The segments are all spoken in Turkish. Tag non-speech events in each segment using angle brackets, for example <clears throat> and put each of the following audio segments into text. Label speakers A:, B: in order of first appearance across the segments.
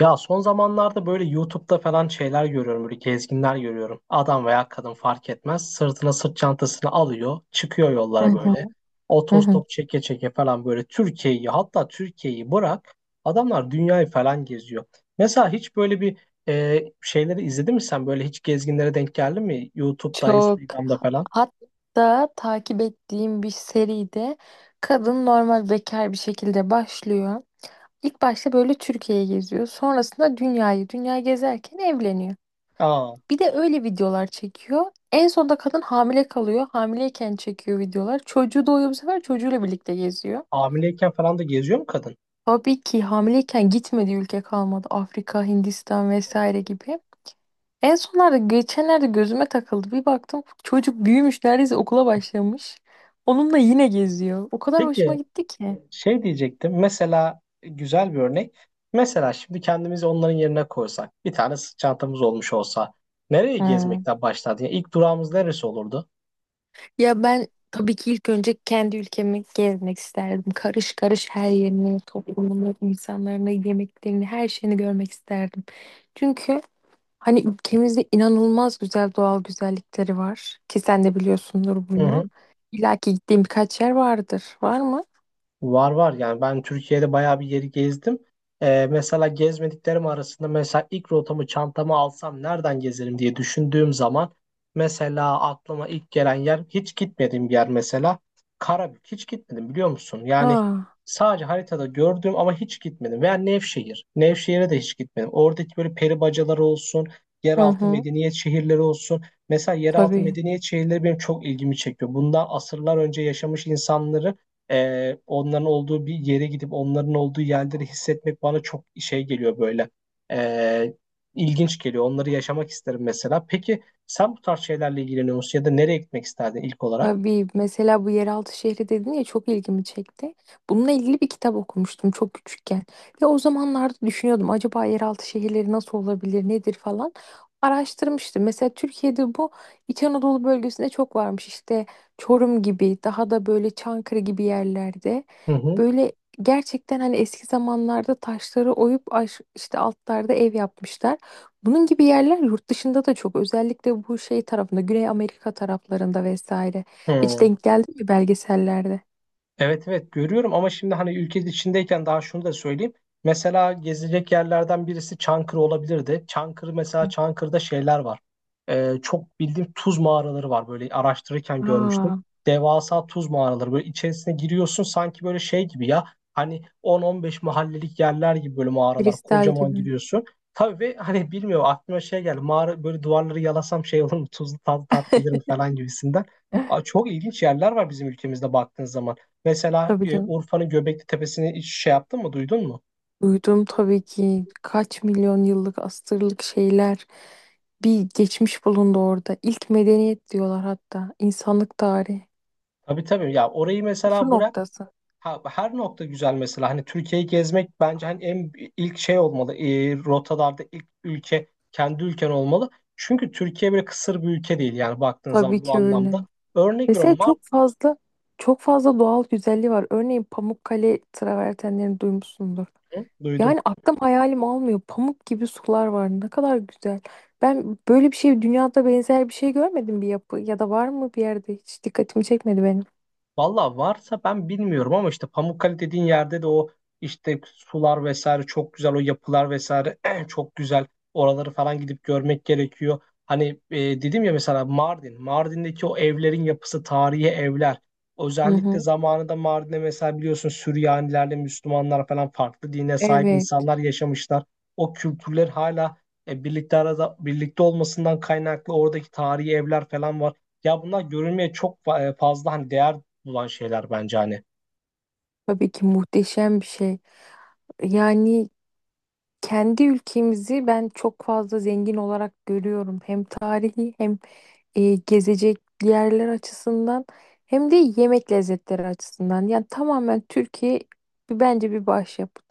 A: Ya son zamanlarda böyle YouTube'da falan şeyler görüyorum, böyle gezginler görüyorum. Adam veya kadın fark etmez. Sırtına sırt çantasını alıyor, çıkıyor
B: Hı
A: yollara
B: hı,
A: böyle.
B: hı hı.
A: Otostop çeke çeke falan böyle Türkiye'yi, hatta Türkiye'yi bırak. Adamlar dünyayı falan geziyor. Mesela hiç böyle bir şeyleri izledin mi sen? Böyle hiç gezginlere denk geldin mi? YouTube'da,
B: Çok.
A: Instagram'da falan.
B: Hatta takip ettiğim bir seride kadın normal bekar bir şekilde başlıyor. İlk başta böyle Türkiye'ye geziyor. Sonrasında dünyayı, dünya gezerken evleniyor.
A: Aa,
B: Bir de öyle videolar çekiyor. En sonunda kadın hamile kalıyor. Hamileyken çekiyor videolar. Çocuğu doğuyor, bu sefer çocuğuyla birlikte geziyor.
A: hamileyken falan da geziyor mu kadın?
B: Tabii ki hamileyken gitmediği ülke kalmadı. Afrika, Hindistan vesaire gibi. En sonlarda geçenlerde gözüme takıldı. Bir baktım çocuk büyümüş, neredeyse okula başlamış. Onunla yine geziyor. O kadar hoşuma
A: Peki,
B: gitti ki.
A: şey diyecektim. Mesela güzel bir örnek. Mesela şimdi kendimizi onların yerine koysak, bir tane sırt çantamız olmuş olsa, nereye
B: Hmm.
A: gezmekten başlardı? Yani ilk durağımız neresi olurdu?
B: Ya ben tabii ki ilk önce kendi ülkemi gezmek isterdim. Karış karış her yerini, toplumunu, insanlarını, yemeklerini, her şeyini görmek isterdim. Çünkü hani ülkemizde inanılmaz güzel doğal güzellikleri var. Ki sen de biliyorsundur
A: Hı
B: bunu.
A: hı.
B: İlla ki gittiğim birkaç yer vardır. Var mı?
A: Var var, yani ben Türkiye'de bayağı bir yeri gezdim. Mesela gezmediklerim arasında mesela ilk rotamı çantama alsam nereden gezerim diye düşündüğüm zaman mesela aklıma ilk gelen yer, hiç gitmediğim bir yer mesela, Karabük hiç gitmedim, biliyor musun? Yani
B: Aa,
A: sadece haritada gördüm ama hiç gitmedim, veya Nevşehir. Nevşehir'e de hiç gitmedim. Oradaki böyle peri bacaları olsun,
B: hı
A: yeraltı
B: hı,
A: medeniyet şehirleri olsun. Mesela yeraltı
B: tabii.
A: medeniyet şehirleri benim çok ilgimi çekiyor. Bundan asırlar önce yaşamış insanları, onların olduğu bir yere gidip onların olduğu yerleri hissetmek bana çok şey geliyor böyle. Ee, ilginç geliyor. Onları yaşamak isterim mesela. Peki sen bu tarz şeylerle ilgileniyor musun, ya da nereye gitmek isterdin ilk olarak?
B: Tabii mesela bu yeraltı şehri dedin ya, çok ilgimi çekti. Bununla ilgili bir kitap okumuştum çok küçükken. Ve o zamanlarda düşünüyordum, acaba yeraltı şehirleri nasıl olabilir, nedir falan. Araştırmıştım. Mesela Türkiye'de bu İç Anadolu bölgesinde çok varmış. İşte Çorum gibi, daha da böyle Çankırı gibi yerlerde.
A: Hı hı.
B: Böyle gerçekten hani eski zamanlarda taşları oyup işte altlarda ev yapmışlar. Bunun gibi yerler yurt dışında da çok, özellikle bu şey tarafında, Güney Amerika taraflarında vesaire. Hiç
A: Hı.
B: denk geldi mi belgesellerde?
A: Evet evet, görüyorum ama şimdi hani ülke içindeyken daha şunu da söyleyeyim. Mesela gezilecek yerlerden birisi Çankırı olabilirdi. Çankırı, mesela Çankırı'da şeyler var. Çok bildiğim tuz mağaraları var, böyle araştırırken görmüştüm.
B: Aa,
A: Devasa tuz mağaraları, böyle içerisine giriyorsun sanki böyle şey gibi ya. Hani 10-15 mahallelik yerler gibi böyle mağaralar,
B: kristal
A: kocaman
B: gibi.
A: giriyorsun. Tabii, ve hani bilmiyorum aklıma şey geldi. Mağara böyle duvarları yalasam şey olur mu, tuzlu tat, tat gelir mi
B: <laughs>
A: falan gibisinden. Aa, çok ilginç yerler var bizim ülkemizde baktığın zaman. Mesela
B: Tabii canım.
A: Urfa'nın Göbekli Tepesi'ni hiç şey yaptın mı, duydun mu?
B: Duydum tabii ki, kaç milyon yıllık asırlık şeyler, bir geçmiş bulundu orada. İlk medeniyet diyorlar hatta. İnsanlık tarihi.
A: Tabii tabii. Ya orayı
B: Sıfır
A: mesela bırak.
B: noktası.
A: Ha, her nokta güzel mesela. Hani Türkiye'yi gezmek bence hani en ilk şey olmalı. E, rotalarda ilk ülke kendi ülken olmalı. Çünkü Türkiye böyle kısır bir ülke değil, yani baktığın
B: Tabii
A: zaman bu
B: ki öyle.
A: anlamda. Örnek veriyorum,
B: Mesela çok
A: Mardin.
B: fazla, çok fazla doğal güzelliği var. Örneğin Pamukkale travertenlerini duymuşsundur.
A: Duydum.
B: Yani aklım hayalim almıyor. Pamuk gibi sular var. Ne kadar güzel. Ben böyle bir şey, dünyada benzer bir şey görmedim, bir yapı ya da, var mı bir yerde, hiç dikkatimi çekmedi benim.
A: Valla varsa ben bilmiyorum, ama işte Pamukkale dediğin yerde de o işte sular vesaire çok güzel, o yapılar vesaire <clears throat> çok güzel. Oraları falan gidip görmek gerekiyor. Hani dedim ya mesela Mardin, Mardin'deki o evlerin yapısı, tarihi evler.
B: Hı
A: Özellikle
B: hı.
A: zamanında Mardin'de mesela biliyorsun, Süryanilerle Müslümanlar falan farklı dine sahip
B: Evet,
A: insanlar yaşamışlar. O kültürler hala birlikte, arada birlikte olmasından kaynaklı oradaki tarihi evler falan var. Ya bunlar görülmeye çok fazla hani değer bulan şeyler bence hani.
B: tabii ki muhteşem bir şey. Yani kendi ülkemizi ben çok fazla zengin olarak görüyorum. Hem tarihi, hem gezecek yerler açısından, hem de yemek lezzetleri açısından. Yani tamamen Türkiye bence bir başyapıt.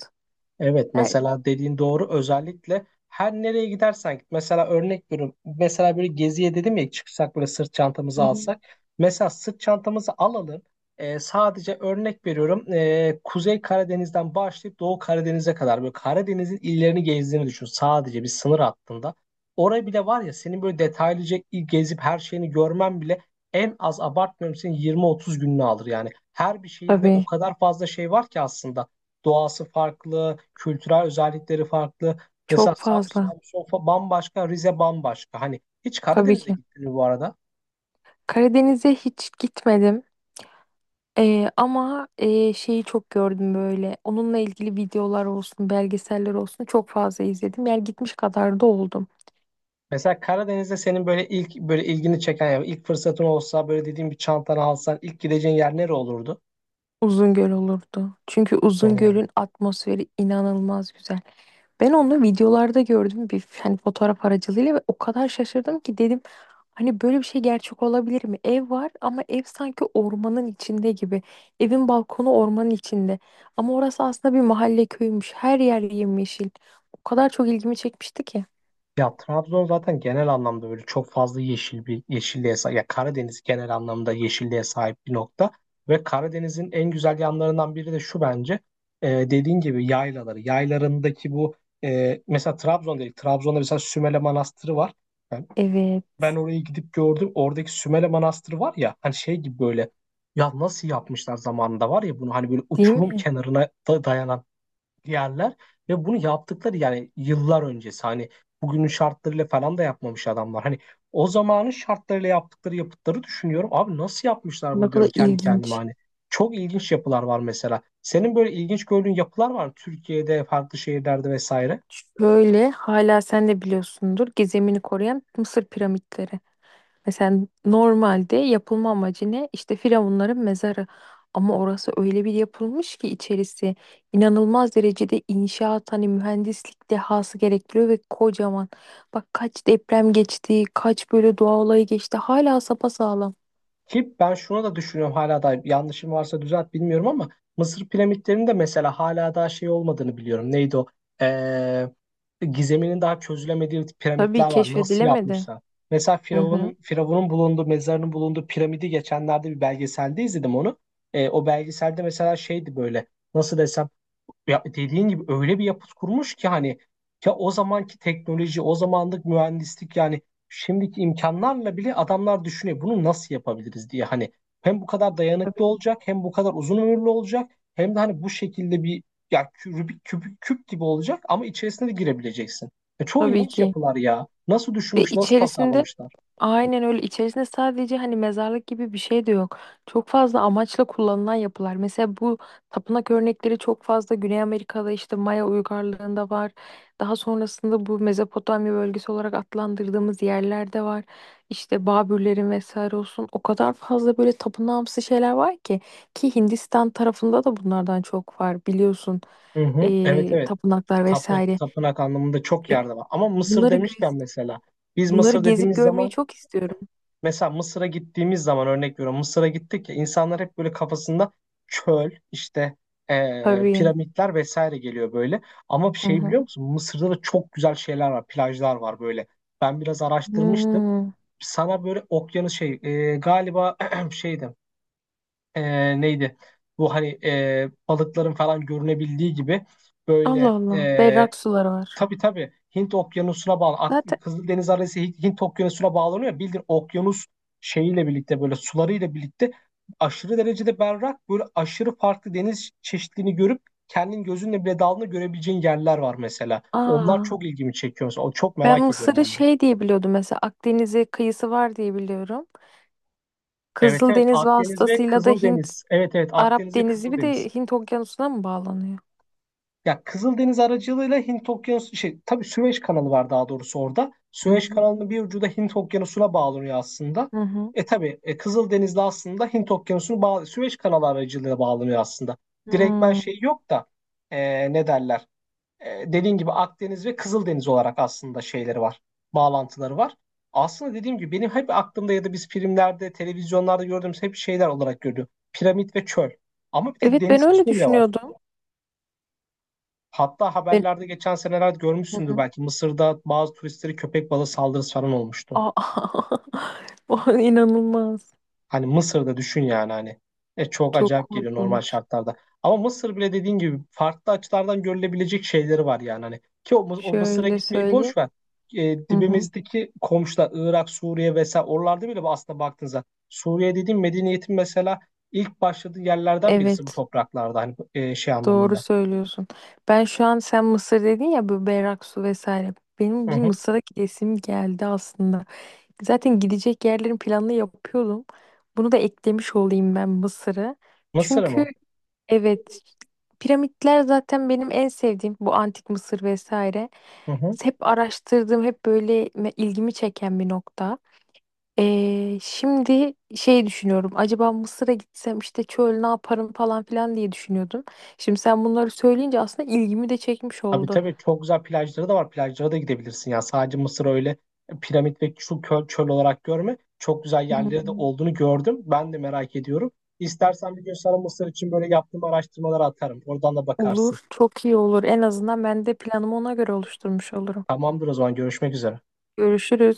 A: Evet,
B: Yani.
A: mesela dediğin doğru, özellikle her nereye gidersen git. Mesela örnek veriyorum. Mesela böyle geziye dedim ya, çıksak böyle sırt
B: Hı
A: çantamızı
B: hı.
A: alsak. Mesela sırt çantamızı alalım. Sadece örnek veriyorum. Kuzey Karadeniz'den başlayıp Doğu Karadeniz'e kadar böyle Karadeniz'in illerini gezdiğini düşün. Sadece bir sınır hattında. Oraya bile var ya, senin böyle detaylıca gezip her şeyini görmen bile en az, abartmıyorum, senin 20-30 gününü alır yani. Her bir şehirde o
B: Tabii,
A: kadar fazla şey var ki aslında. Doğası farklı, kültürel özellikleri farklı. Mesela
B: çok fazla.
A: Samsun bambaşka, Rize bambaşka. Hani hiç
B: Tabii
A: Karadeniz'e
B: ki.
A: gittin mi bu arada?
B: Karadeniz'e hiç gitmedim. Ama şeyi çok gördüm böyle. Onunla ilgili videolar olsun, belgeseller olsun, çok fazla izledim. Yani gitmiş kadar da oldum.
A: Mesela Karadeniz'de senin böyle ilk böyle ilgini çeken, ya ilk fırsatın olsa böyle dediğim bir çantanı alsan ilk gideceğin yer nere olurdu?
B: Uzungöl olurdu. Çünkü
A: Hı.
B: Uzungöl'ün atmosferi inanılmaz güzel. Ben onu videolarda gördüm, bir hani fotoğraf aracılığıyla, ve o kadar şaşırdım ki dedim, hani böyle bir şey gerçek olabilir mi? Ev var ama ev sanki ormanın içinde gibi. Evin balkonu ormanın içinde. Ama orası aslında bir mahalle köymüş. Her yer yemyeşil. O kadar çok ilgimi çekmişti ki.
A: Ya Trabzon zaten genel anlamda böyle çok fazla yeşil, bir yeşilliğe sahip. Ya Karadeniz genel anlamda yeşilliğe sahip bir nokta. Ve Karadeniz'in en güzel yanlarından biri de şu bence. Dediğin gibi yaylaları. Yaylarındaki bu mesela Trabzon değil. Trabzon'da mesela Sümele Manastırı var. Ben,
B: Evet,
A: ben orayı gidip gördüm. Oradaki Sümele Manastırı var ya, hani şey gibi böyle, ya nasıl yapmışlar zamanında var ya bunu, hani böyle
B: değil
A: uçurum
B: mi?
A: kenarına da dayanan yerler, ve bunu yaptıkları yani yıllar öncesi, hani bugünün şartlarıyla falan da yapmamış adamlar. Hani o zamanın şartlarıyla yaptıkları yapıtları düşünüyorum. Abi nasıl yapmışlar
B: Ne
A: bunu diyorum
B: kadar
A: kendi kendime
B: ilginç.
A: hani. Çok ilginç yapılar var mesela. Senin böyle ilginç gördüğün yapılar var mı? Türkiye'de, farklı şehirlerde vesaire.
B: Şöyle, hala sen de biliyorsundur, gizemini koruyan Mısır piramitleri. Mesela normalde yapılma amacı ne? İşte firavunların mezarı. Ama orası öyle bir yapılmış ki içerisi inanılmaz derecede inşaat, hani mühendislik dehası gerektiriyor ve kocaman. Bak kaç deprem geçti, kaç böyle doğa olayı geçti. Hala sapasağlam.
A: Ki ben şuna da düşünüyorum, hala da yanlışım varsa düzelt bilmiyorum ama Mısır piramitlerinin de mesela hala daha şey olmadığını biliyorum. Neydi o? Ee, Gizeminin daha çözülemediği
B: Tabii,
A: piramitler var. Nasıl
B: keşfedilemedi.
A: yapmışlar? Mesela
B: Hı hı.
A: Firavun'un bulunduğu, mezarının bulunduğu piramidi geçenlerde bir belgeselde izledim onu. E, o belgeselde mesela şeydi böyle, nasıl desem, ya dediğin gibi öyle bir yapıt kurmuş ki hani, ya o zamanki teknoloji, o zamanlık mühendislik yani şimdiki imkanlarla bile adamlar düşünüyor bunu nasıl yapabiliriz diye hani, hem bu kadar dayanıklı
B: Tabii.
A: olacak, hem bu kadar uzun ömürlü olacak, hem de hani bu şekilde bir, ya Rubik küp, küp gibi olacak ama içerisine de girebileceksin. Ya çok
B: Tabii
A: ilginç
B: ki.
A: yapılar ya. Nasıl
B: Ve
A: düşünmüş, nasıl
B: içerisinde
A: tasarlamışlar?
B: Aynen öyle. İçerisinde sadece hani mezarlık gibi bir şey de yok. Çok fazla amaçla kullanılan yapılar. Mesela bu tapınak örnekleri çok fazla Güney Amerika'da, işte Maya uygarlığında var. Daha sonrasında bu Mezopotamya bölgesi olarak adlandırdığımız yerlerde var. İşte Babürlerin vesaire olsun. O kadar fazla böyle tapınağımsı şeyler var ki Hindistan tarafında da bunlardan çok var, biliyorsun.
A: Hı hı. Evet evet.
B: Tapınaklar
A: Tapınak,
B: vesaire.
A: tapınak anlamında çok
B: Evet,
A: yerde var. Ama Mısır
B: bunları gez-
A: demişken mesela biz
B: bunları
A: Mısır
B: gezip
A: dediğimiz
B: görmeyi
A: zaman
B: çok istiyorum.
A: mesela Mısır'a gittiğimiz zaman örnek veriyorum. Mısır'a gittik ya, insanlar hep böyle kafasında çöl, işte
B: Tabii.
A: piramitler vesaire geliyor böyle. Ama bir
B: Hı
A: şey
B: hı.
A: biliyor musun? Mısır'da da çok güzel şeyler var, plajlar var böyle. Ben biraz araştırmıştım.
B: Hmm.
A: Sana böyle okyanus şey galiba <clears throat> şeydi, neydi? Bu hani balıkların falan görünebildiği gibi
B: Allah
A: böyle.
B: Allah. Berrak suları var.
A: Tabii tabii, Hint Okyanusu'na bağlı.
B: Zaten
A: Kızıldeniz arası Hint, Okyanusu'na bağlanıyor. Bildiğin okyanus şeyiyle birlikte, böyle sularıyla birlikte aşırı derecede berrak, böyle aşırı farklı deniz çeşitliliğini görüp kendin gözünle bile dalını görebileceğin yerler var mesela. Onlar
B: aa,
A: çok ilgimi çekiyor. Mesela. Çok
B: ben
A: merak ediyorum
B: Mısır'ı
A: onları.
B: şey diye biliyordum, mesela Akdeniz'e kıyısı var diye biliyorum.
A: Evet evet,
B: Kızıldeniz
A: Akdeniz ve
B: vasıtasıyla da
A: Kızıldeniz. Evet evet,
B: Arap
A: Akdeniz ve
B: Denizi, bir
A: Kızıldeniz.
B: de Hint Okyanusu'na mı bağlanıyor?
A: Ya Kızıldeniz aracılığıyla Hint Okyanusu şey, tabii Süveyş kanalı var daha doğrusu orada.
B: Hı
A: Süveyş
B: hı.
A: kanalının bir ucu da Hint Okyanusu'na bağlanıyor aslında.
B: Hı hı.
A: E tabii, Kızıldeniz'le aslında Hint Okyanusu'nu bağ, Süveyş kanalı aracılığıyla bağlanıyor aslında. Direktmen
B: Hmm.
A: şey yok da, ne derler? E, dediğim gibi Akdeniz ve Kızıldeniz olarak aslında şeyleri var. Bağlantıları var. Aslında dediğim gibi benim hep aklımda, ya da biz filmlerde, televizyonlarda gördüğümüz hep şeyler olarak görüyorum. Piramit ve çöl. Ama bir de
B: Evet, ben
A: deniz
B: öyle
A: kısmı bile var.
B: düşünüyordum.
A: Hatta
B: Ben
A: haberlerde geçen senelerde
B: hı
A: görmüşsündür
B: hı.
A: belki, Mısır'da bazı turistleri köpek balığı saldırısı falan olmuştu.
B: Aa, <laughs> o inanılmaz.
A: Hani Mısır'da düşün yani hani. E çok
B: Çok
A: acayip geliyor normal
B: korkunç.
A: şartlarda. Ama Mısır bile dediğin gibi farklı açılardan görülebilecek şeyleri var yani hani. Ki o, o Mısır'a
B: Şöyle
A: gitmeyi
B: söyleyeyim.
A: boş ver. E,
B: Hı hı.
A: dibimizdeki komşular Irak, Suriye vesaire, oralarda bile aslında baktığınızda Suriye dediğim, medeniyetin mesela ilk başladığı yerlerden birisi bu
B: Evet.
A: topraklarda hani, şey
B: Doğru
A: anlamında.
B: söylüyorsun. Ben şu an, sen Mısır dedin ya, bu berrak su vesaire. Benim
A: Hı
B: bir
A: hı.
B: Mısır'a gidesim geldi aslında. Zaten gidecek yerlerin planını yapıyordum. Bunu da eklemiş olayım, ben Mısır'ı.
A: Mısır
B: Çünkü
A: mı?
B: evet, piramitler zaten benim en sevdiğim, bu antik Mısır vesaire.
A: Hı hı.
B: Hep araştırdığım, hep böyle ilgimi çeken bir nokta. Şimdi şey düşünüyorum. Acaba Mısır'a gitsem işte çöl, ne yaparım falan filan diye düşünüyordum. Şimdi sen bunları söyleyince aslında ilgimi de çekmiş
A: Tabii
B: oldu.
A: tabii, çok güzel plajları da var. Plajlara da gidebilirsin ya. Sadece Mısır öyle piramit ve şu çöl olarak görme. Çok güzel yerleri de
B: Hmm.
A: olduğunu gördüm. Ben de merak ediyorum. İstersen bir gün sana Mısır için böyle yaptığım araştırmaları atarım. Oradan da bakarsın.
B: Olur, çok iyi olur. En azından ben de planımı ona göre oluşturmuş olurum.
A: Tamamdır o zaman, görüşmek üzere.
B: Görüşürüz.